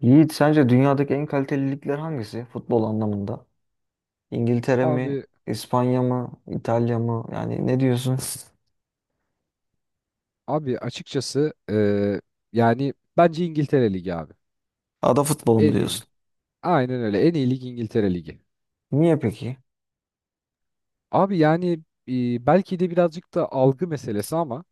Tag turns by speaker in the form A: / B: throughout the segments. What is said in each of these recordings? A: Yiğit, sence dünyadaki en kaliteli ligler hangisi futbol anlamında? İngiltere mi,
B: Abi
A: İspanya mı, İtalya mı? Yani ne diyorsun?
B: abi açıkçası yani bence İngiltere Ligi abi.
A: Ada futbolu mu
B: En iyi.
A: diyorsun?
B: Aynen öyle. En iyi lig İngiltere Ligi.
A: Niye peki?
B: Abi yani belki de birazcık da algı meselesi ama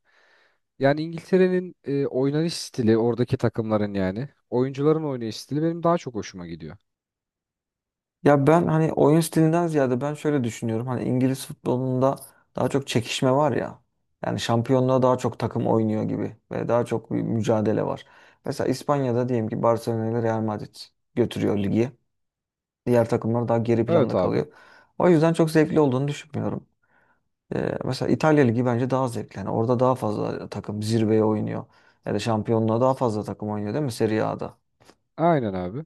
B: yani İngiltere'nin oynanış stili oradaki takımların yani oyuncuların oynayış stili benim daha çok hoşuma gidiyor.
A: Ya ben hani oyun stilinden ziyade ben şöyle düşünüyorum. Hani İngiliz futbolunda daha çok çekişme var ya. Yani şampiyonluğa daha çok takım oynuyor gibi ve daha çok bir mücadele var. Mesela İspanya'da diyelim ki Barcelona ile Real Madrid götürüyor ligi. Diğer takımlar daha geri
B: Evet
A: planda
B: abi.
A: kalıyor. O yüzden çok zevkli olduğunu düşünmüyorum. Mesela İtalya Ligi bence daha zevkli. Yani orada daha fazla takım zirveye oynuyor. Ya da şampiyonluğa daha fazla takım oynuyor, değil mi Serie A'da?
B: Aynen abi.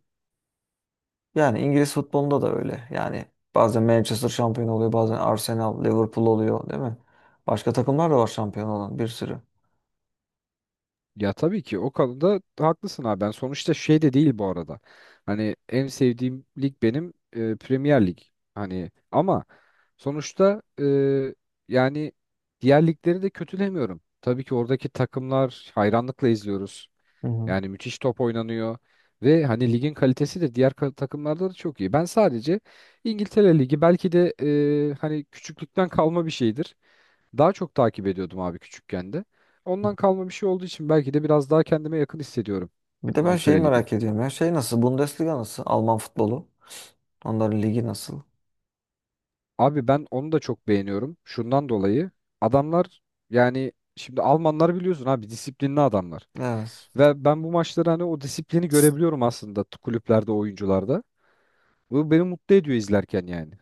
A: Yani İngiliz futbolunda da öyle. Yani bazen Manchester şampiyon oluyor, bazen Arsenal, Liverpool oluyor, değil mi? Başka takımlar da var şampiyon olan, bir sürü.
B: Ya tabii ki o konuda haklısın abi. Ben sonuçta şey de değil bu arada. Hani en sevdiğim lig benim Premier Lig. Hani ama sonuçta yani diğer ligleri de kötülemiyorum. Tabii ki oradaki takımlar hayranlıkla izliyoruz.
A: Hı hı.
B: Yani müthiş top oynanıyor ve hani ligin kalitesi de diğer takımlarda da çok iyi. Ben sadece İngiltere Ligi belki de hani küçüklükten kalma bir şeydir. Daha çok takip ediyordum abi küçükken de. Ondan kalma bir şey olduğu için belki de biraz daha kendime yakın hissediyorum
A: Bir de ben şeyi
B: İngiltere Ligi'ni.
A: merak ediyorum ya. Şey nasıl? Bundesliga nasıl? Alman futbolu. Onların ligi nasıl?
B: Abi ben onu da çok beğeniyorum. Şundan dolayı adamlar yani şimdi Almanlar biliyorsun abi disiplinli adamlar.
A: Evet.
B: Ve ben bu maçları hani o disiplini görebiliyorum aslında kulüplerde, oyuncularda. Bu beni mutlu ediyor izlerken yani.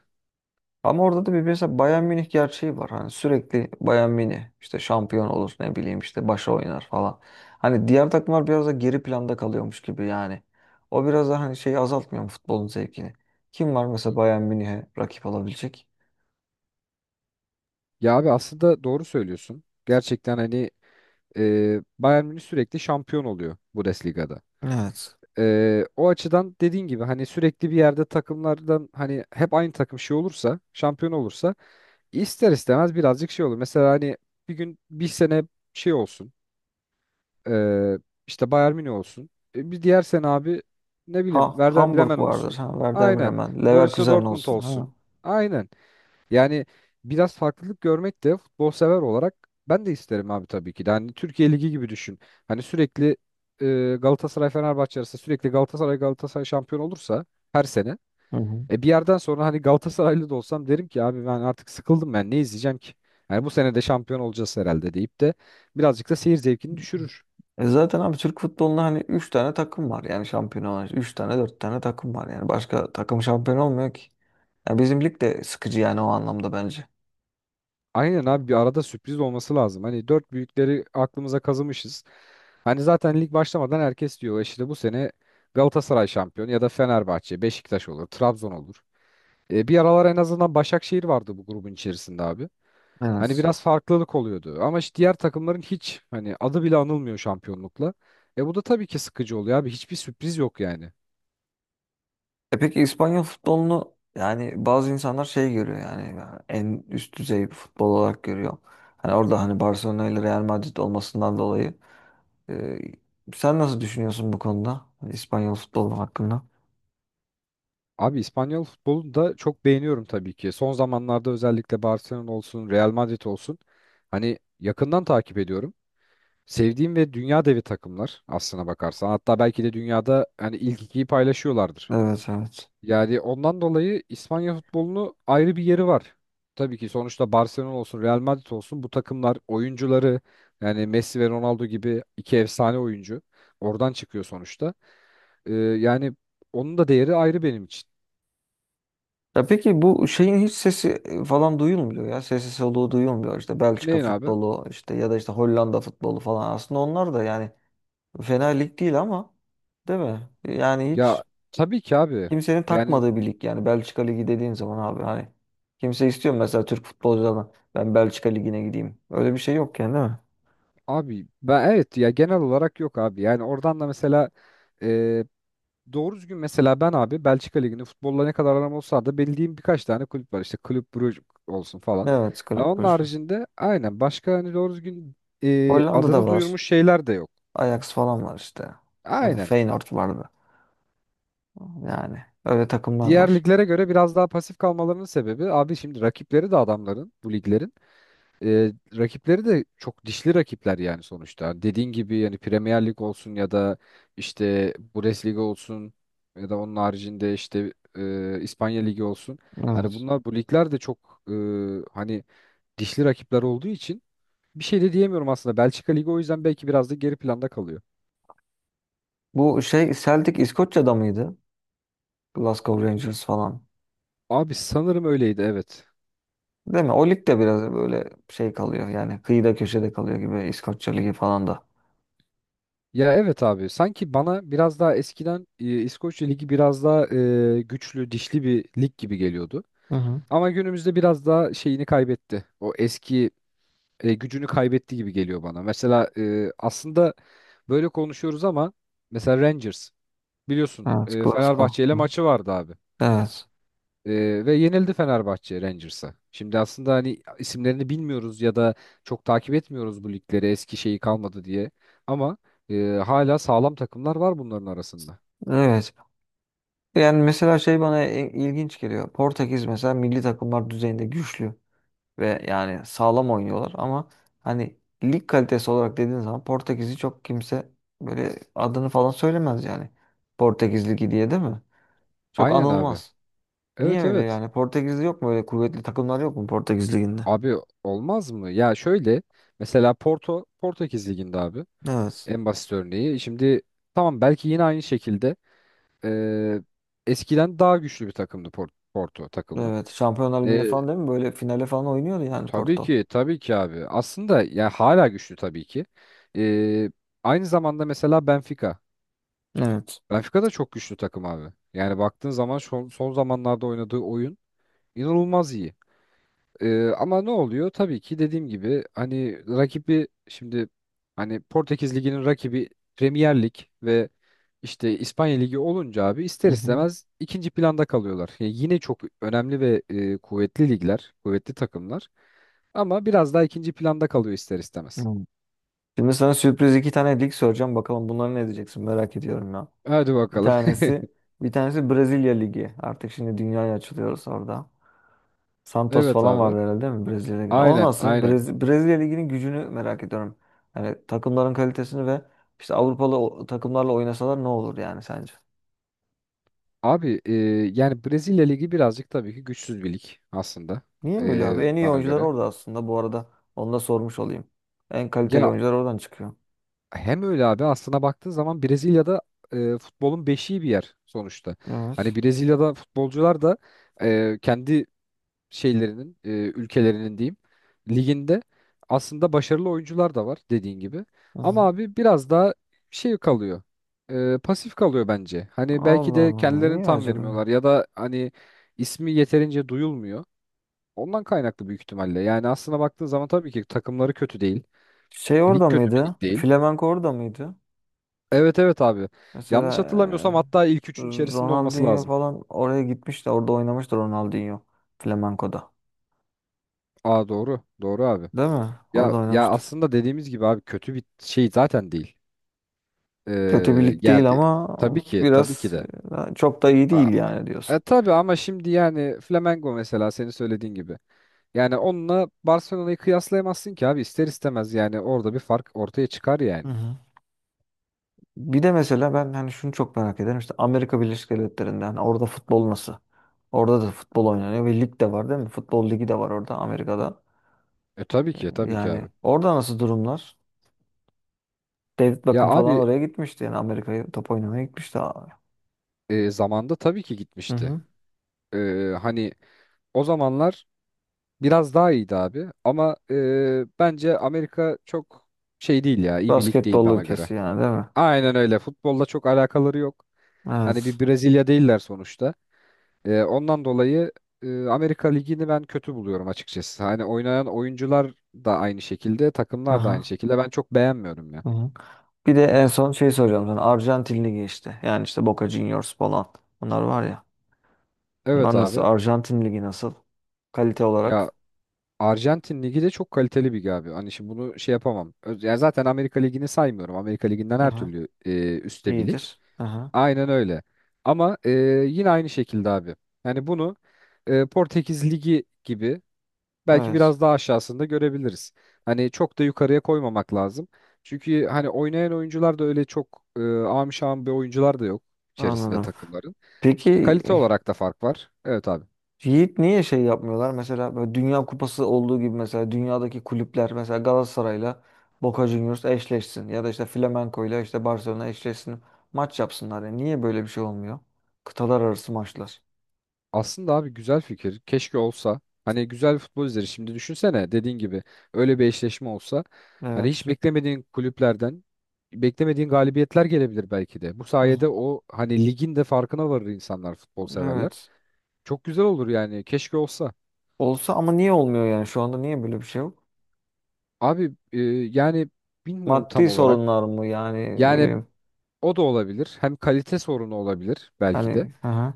A: Ama orada da bir mesela Bayern Münih gerçeği var. Hani sürekli Bayern Münih işte şampiyon olur, ne bileyim işte başa oynar falan. Hani diğer takımlar biraz da geri planda kalıyormuş gibi yani. O biraz da hani şeyi azaltmıyor mu futbolun zevkini? Kim var mesela Bayern Münih'e rakip olabilecek?
B: Ya abi aslında doğru söylüyorsun. Gerçekten hani Bayern Münih sürekli şampiyon oluyor Bundesliga'da.
A: Evet.
B: O açıdan dediğin gibi hani sürekli bir yerde takımlardan hani hep aynı takım şey olursa, şampiyon olursa ister istemez birazcık şey olur. Mesela hani bir gün bir sene şey olsun. E, işte Bayern Münih olsun. Bir diğer sene abi ne bileyim
A: Ha,
B: Werder Bremen
A: Hamburg vardır.
B: olsun.
A: Ha, Werder
B: Aynen.
A: Bremen.
B: Borussia
A: Leverkusen
B: Dortmund
A: olsun. Ha.
B: olsun. Aynen. Yani biraz farklılık görmek de futbol sever olarak ben de isterim abi tabii ki de. Hani Türkiye Ligi gibi düşün. Hani sürekli Galatasaray Fenerbahçe arası sürekli Galatasaray şampiyon olursa her sene.
A: Hı hı.
B: Bir yerden sonra hani Galatasaraylı da olsam derim ki abi ben artık sıkıldım, ben ne izleyeceğim ki? Yani bu sene de şampiyon olacağız herhalde deyip de birazcık da seyir zevkini düşürür.
A: E zaten abi Türk futbolunda hani 3 tane takım var yani şampiyon olan. 3 tane, dört tane takım var yani. Başka takım şampiyon olmuyor ki. Ya bizim lig de sıkıcı yani o anlamda bence.
B: Aynen abi bir arada sürpriz olması lazım. Hani dört büyükleri aklımıza kazımışız. Hani zaten lig başlamadan herkes diyor, "E işte bu sene Galatasaray şampiyon ya da Fenerbahçe, Beşiktaş olur, Trabzon olur." Bir aralar en azından Başakşehir vardı bu grubun içerisinde abi. Hani
A: Evet.
B: biraz farklılık oluyordu ama işte diğer takımların hiç hani adı bile anılmıyor şampiyonlukla. Bu da tabii ki sıkıcı oluyor abi. Hiçbir sürpriz yok yani.
A: E peki İspanyol futbolunu, yani bazı insanlar şey görüyor, yani en üst düzey bir futbol olarak görüyor. Hani orada hani Barcelona ile Real Madrid olmasından dolayı e, sen nasıl düşünüyorsun bu konuda? Hani İspanyol futbolu hakkında?
B: Abi İspanyol futbolunu da çok beğeniyorum tabii ki. Son zamanlarda özellikle Barcelona olsun, Real Madrid olsun. Hani yakından takip ediyorum. Sevdiğim ve dünya devi takımlar aslına bakarsan. Hatta belki de dünyada hani ilk ikiyi paylaşıyorlardır.
A: Evet, evet.
B: Yani ondan dolayı İspanya futbolunu ayrı bir yeri var. Tabii ki sonuçta Barcelona olsun, Real Madrid olsun, bu takımlar oyuncuları yani Messi ve Ronaldo gibi iki efsane oyuncu oradan çıkıyor sonuçta. Yani onun da değeri ayrı benim için.
A: Ya peki bu şeyin hiç sesi falan duyulmuyor ya. Sesi soluğu duyulmuyor. İşte Belçika
B: Neyin abi?
A: futbolu işte, ya da işte Hollanda futbolu falan. Aslında onlar da yani fena lig değil ama, değil mi? Yani
B: Ya
A: hiç
B: tabii ki abi.
A: kimsenin
B: Yani
A: takmadığı bir lig yani Belçika Ligi dediğin zaman abi, hani kimse istiyor mu mesela Türk futbolculardan ben Belçika Ligi'ne gideyim. Öyle bir şey yok yani, değil mi?
B: abi ben, evet ya, genel olarak yok abi. Yani oradan da mesela e, doğru düzgün, mesela ben abi Belçika Ligi'nde futbolla ne kadar aram olsa da bildiğim birkaç tane kulüp var. İşte Kulüp Brugge olsun falan.
A: Evet,
B: Ha,
A: kulüp
B: onun
A: Brugge var.
B: haricinde aynen başka hani doğru düzgün
A: Hollanda'da
B: adını
A: var.
B: duyurmuş şeyler de yok.
A: Ajax falan var işte. Yani
B: Aynen.
A: Feyenoord vardı. Yani öyle takımlar
B: Diğer
A: var.
B: liglere göre biraz daha pasif kalmalarının sebebi abi, şimdi rakipleri de adamların bu liglerin. Rakipleri de çok dişli rakipler yani sonuçta. Dediğin gibi yani Premier Lig olsun ya da işte Bundesliga olsun ya da onun haricinde işte İspanya Ligi olsun. Hani
A: Evet.
B: bunlar, bu ligler de çok hani dişli rakipler olduğu için bir şey de diyemiyorum aslında. Belçika Ligi o yüzden belki biraz da geri planda kalıyor.
A: Bu şey Celtic İskoçya'da mıydı? Glasgow Rangers falan.
B: Abi sanırım öyleydi, evet.
A: Değil mi? O lig de biraz böyle şey kalıyor yani, kıyıda köşede kalıyor gibi İskoçya Ligi falan da.
B: Ya evet abi, sanki bana biraz daha eskiden İskoçya Ligi biraz daha güçlü, dişli bir lig gibi geliyordu.
A: Hı hı.
B: Ama günümüzde biraz daha şeyini kaybetti. O eski gücünü kaybetti gibi geliyor bana. Mesela aslında böyle konuşuyoruz ama mesela Rangers, biliyorsun
A: Evet, Glasgow.
B: Fenerbahçe ile
A: Hı.
B: maçı vardı abi.
A: Evet.
B: Ve yenildi Fenerbahçe Rangers'a. Şimdi aslında hani isimlerini bilmiyoruz ya da çok takip etmiyoruz bu ligleri, eski şeyi kalmadı diye. Ama e, hala sağlam takımlar var bunların arasında.
A: Evet. Yani mesela şey bana ilginç geliyor. Portekiz mesela milli takımlar düzeyinde güçlü ve yani sağlam oynuyorlar ama hani lig kalitesi olarak dediğin zaman Portekiz'i çok kimse böyle adını falan söylemez yani. Portekiz Ligi diye, değil mi? Çok
B: Aynen abi.
A: anılmaz. Niye
B: Evet,
A: öyle
B: evet.
A: yani? Portekiz'de yok mu öyle kuvvetli takımlar, yok mu Portekiz Ligi'nde?
B: Abi olmaz mı? Ya şöyle, mesela Porto Portekiz liginde abi.
A: Evet.
B: En basit örneği. Şimdi tamam, belki yine aynı şekilde eee, eskiden daha güçlü bir takımdı Porto takımı.
A: Evet. Şampiyonlar Ligi'nde
B: Eee,
A: falan, değil mi? Böyle finale falan oynuyordu yani
B: tabii
A: Porto.
B: ki tabii ki abi. Aslında yani hala güçlü tabii ki. Eee, aynı zamanda mesela Benfica.
A: Evet.
B: Benfica da çok güçlü takım abi. Yani baktığın zaman son zamanlarda oynadığı oyun inanılmaz iyi. Ama ne oluyor? Tabii ki dediğim gibi hani rakibi şimdi, hani Portekiz Ligi'nin rakibi Premier Lig ve işte İspanya Ligi olunca abi ister
A: Hı hı.
B: istemez ikinci planda kalıyorlar. Yani yine çok önemli ve kuvvetli ligler, kuvvetli takımlar ama biraz daha ikinci planda kalıyor ister
A: Hı.
B: istemez.
A: Şimdi sana sürpriz iki tane lig soracağım. Bakalım bunları ne diyeceksin, merak ediyorum ya.
B: Hadi
A: Bir
B: bakalım.
A: tanesi bir tanesi Brezilya Ligi. Artık şimdi dünyaya açılıyoruz orada. Santos
B: Evet
A: falan
B: abi.
A: vardı herhalde, değil mi Brezilya Ligi'nde? O
B: Aynen,
A: nasıl?
B: aynen.
A: Brezilya Ligi'nin gücünü merak ediyorum. Yani takımların kalitesini ve işte Avrupalı takımlarla oynasalar ne olur yani sence?
B: Abi yani Brezilya Ligi birazcık tabii ki güçsüz bir lig aslında,
A: Niye böyle abi? En iyi
B: bana
A: oyuncular
B: göre.
A: orada aslında bu arada. Onu da sormuş olayım. En kaliteli
B: Ya
A: oyuncular oradan çıkıyor.
B: hem öyle abi, aslına baktığın zaman Brezilya'da futbolun beşiği bir yer sonuçta. Hani
A: Evet.
B: Brezilya'da futbolcular da kendi şeylerinin, ülkelerinin diyeyim, liginde aslında başarılı oyuncular da var dediğin gibi.
A: Hı
B: Ama
A: hı.
B: abi biraz daha şey kalıyor. Pasif kalıyor bence. Hani belki
A: Allah
B: de
A: Allah.
B: kendilerini
A: Niye
B: tam
A: acaba ya?
B: vermiyorlar ya da hani ismi yeterince duyulmuyor. Ondan kaynaklı büyük ihtimalle. Yani aslına baktığın zaman tabii ki takımları kötü değil.
A: Şey
B: Lig
A: orada
B: kötü bir
A: mıydı?
B: lig değil.
A: Flamenco orada mıydı?
B: Evet, evet abi. Yanlış hatırlamıyorsam
A: Mesela
B: hatta ilk
A: e,
B: üçün içerisinde olması
A: Ronaldinho
B: lazım.
A: falan oraya gitmiş de orada oynamıştı Ronaldinho Flamenco'da.
B: Aa, doğru. Doğru abi.
A: Değil mi?
B: Ya
A: Orada
B: ya
A: oynamıştı.
B: aslında dediğimiz gibi abi, kötü bir şey zaten değil.
A: Kötü bir
B: Ee,
A: lig
B: yer
A: değil
B: değil.
A: ama
B: Tabii ki, tabii ki
A: biraz
B: de.
A: çok da iyi değil
B: Aa,
A: yani diyorsun.
B: tabii, ama şimdi yani Flamengo mesela senin söylediğin gibi. Yani onunla Barcelona'yı kıyaslayamazsın ki abi, ister istemez yani orada bir fark ortaya çıkar
A: Hı
B: yani.
A: hı. Bir de mesela ben hani şunu çok merak ederim. İşte Amerika Birleşik Devletleri'nde hani orada futbol nasıl? Orada da futbol oynanıyor ve lig de var, değil mi? Futbol ligi de var orada Amerika'da.
B: Tabii
A: Ee,
B: ki, tabii ki abi.
A: Yani orada nasıl durumlar? David
B: Ya
A: Beckham falan
B: abi
A: oraya gitmişti. Yani Amerika'ya top oynamaya gitmişti, abi.
B: zamanda tabii ki
A: Hı
B: gitmişti.
A: hı.
B: Hani o zamanlar biraz daha iyiydi abi ama bence Amerika çok şey değil ya, iyi bir lig değil
A: Basketbol
B: bana göre.
A: ülkesi yani, değil mi?
B: Aynen öyle, futbolla çok alakaları yok. Hani bir
A: Evet.
B: Brezilya değiller sonuçta. Ondan dolayı Amerika Ligi'ni ben kötü buluyorum açıkçası. Hani oynayan oyuncular da aynı şekilde, takımlar da aynı
A: Aha,
B: şekilde, ben çok beğenmiyorum ya.
A: aha. Bir de en son şey soracağım sana. Arjantin Ligi işte. Yani işte Boca Juniors falan. Bunlar var ya.
B: Evet
A: Bunlar nasıl?
B: abi,
A: Arjantin Ligi nasıl? Kalite
B: ya
A: olarak.
B: Arjantin Ligi de çok kaliteli bir lig abi. Hani şimdi bunu şey yapamam. Ya zaten Amerika Ligi'ni saymıyorum. Amerika Ligi'nden her
A: Aha.
B: türlü üstte bir lig.
A: iyidir. Aha.
B: Aynen öyle. Ama yine aynı şekilde abi. Yani bunu Portekiz Ligi gibi belki
A: Evet.
B: biraz daha aşağısında görebiliriz. Hani çok da yukarıya koymamak lazım. Çünkü hani oynayan oyuncular da öyle çok am şam bir oyuncular da yok içerisinde
A: Anladım.
B: takımların.
A: Peki
B: Kalite olarak da fark var. Evet abi.
A: Yiğit, niye şey yapmıyorlar? Mesela böyle Dünya Kupası olduğu gibi mesela dünyadaki kulüpler mesela Galatasaray'la Boca Juniors eşleşsin ya da işte Flamenco'yla işte Barcelona eşleşsin. Maç yapsınlar. Yani niye böyle bir şey olmuyor? Kıtalar arası maçlar.
B: Aslında abi güzel fikir. Keşke olsa. Hani güzel futbol izleri. Şimdi düşünsene, dediğin gibi öyle bir eşleşme olsa. Hani hiç
A: Evet.
B: beklemediğin kulüplerden beklemediğin galibiyetler gelebilir belki de. Bu
A: Hı
B: sayede
A: hı.
B: o hani ligin de farkına varır insanlar, futbol severler.
A: Evet.
B: Çok güzel olur yani. Keşke olsa.
A: Olsa ama niye olmuyor yani? Şu anda niye böyle bir şey yok?
B: Abi yani bilmiyorum tam
A: Maddi
B: olarak.
A: sorunlar mı yani, ne
B: Yani
A: bileyim,
B: o da olabilir. Hem kalite sorunu olabilir belki de.
A: hani, hı hı.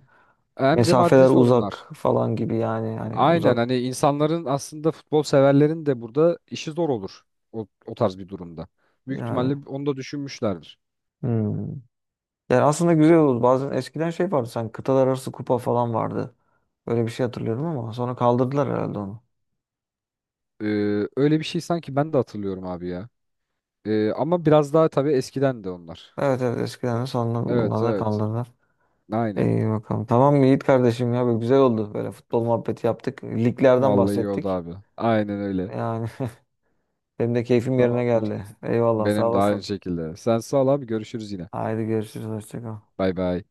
B: Hem de maddi
A: Mesafeler
B: sorunlar.
A: uzak falan gibi yani, hani
B: Aynen,
A: uzak
B: hani insanların, aslında futbol severlerin de burada işi zor olur o tarz bir durumda. Büyük
A: yani.
B: ihtimalle onu da düşünmüşlerdir.
A: Hmm. Yani aslında güzel oldu. Bazen eskiden şey vardı sanki, kıtalar arası kupa falan vardı. Böyle bir şey hatırlıyorum ama sonra kaldırdılar herhalde onu.
B: Ee, öyle bir şey sanki ben de hatırlıyorum abi ya. Ama biraz daha tabii eskiden de onlar.
A: Evet, evet eskiden de sonra
B: Evet,
A: bunlar da
B: evet.
A: kaldırdılar.
B: Aynen.
A: İyi bakalım. Tamam Yiğit kardeşim ya, böyle güzel oldu. Böyle futbol muhabbeti yaptık. Liglerden
B: Vallahi iyi oldu
A: bahsettik.
B: abi. Aynen öyle.
A: Yani benim de keyfim yerine
B: Tamamdır.
A: geldi. Eyvallah, sağ
B: Benim de aynı
A: olasın.
B: şekilde. Sen sağ ol abi, görüşürüz yine.
A: Haydi görüşürüz. Hoşça kal.
B: Bay bay.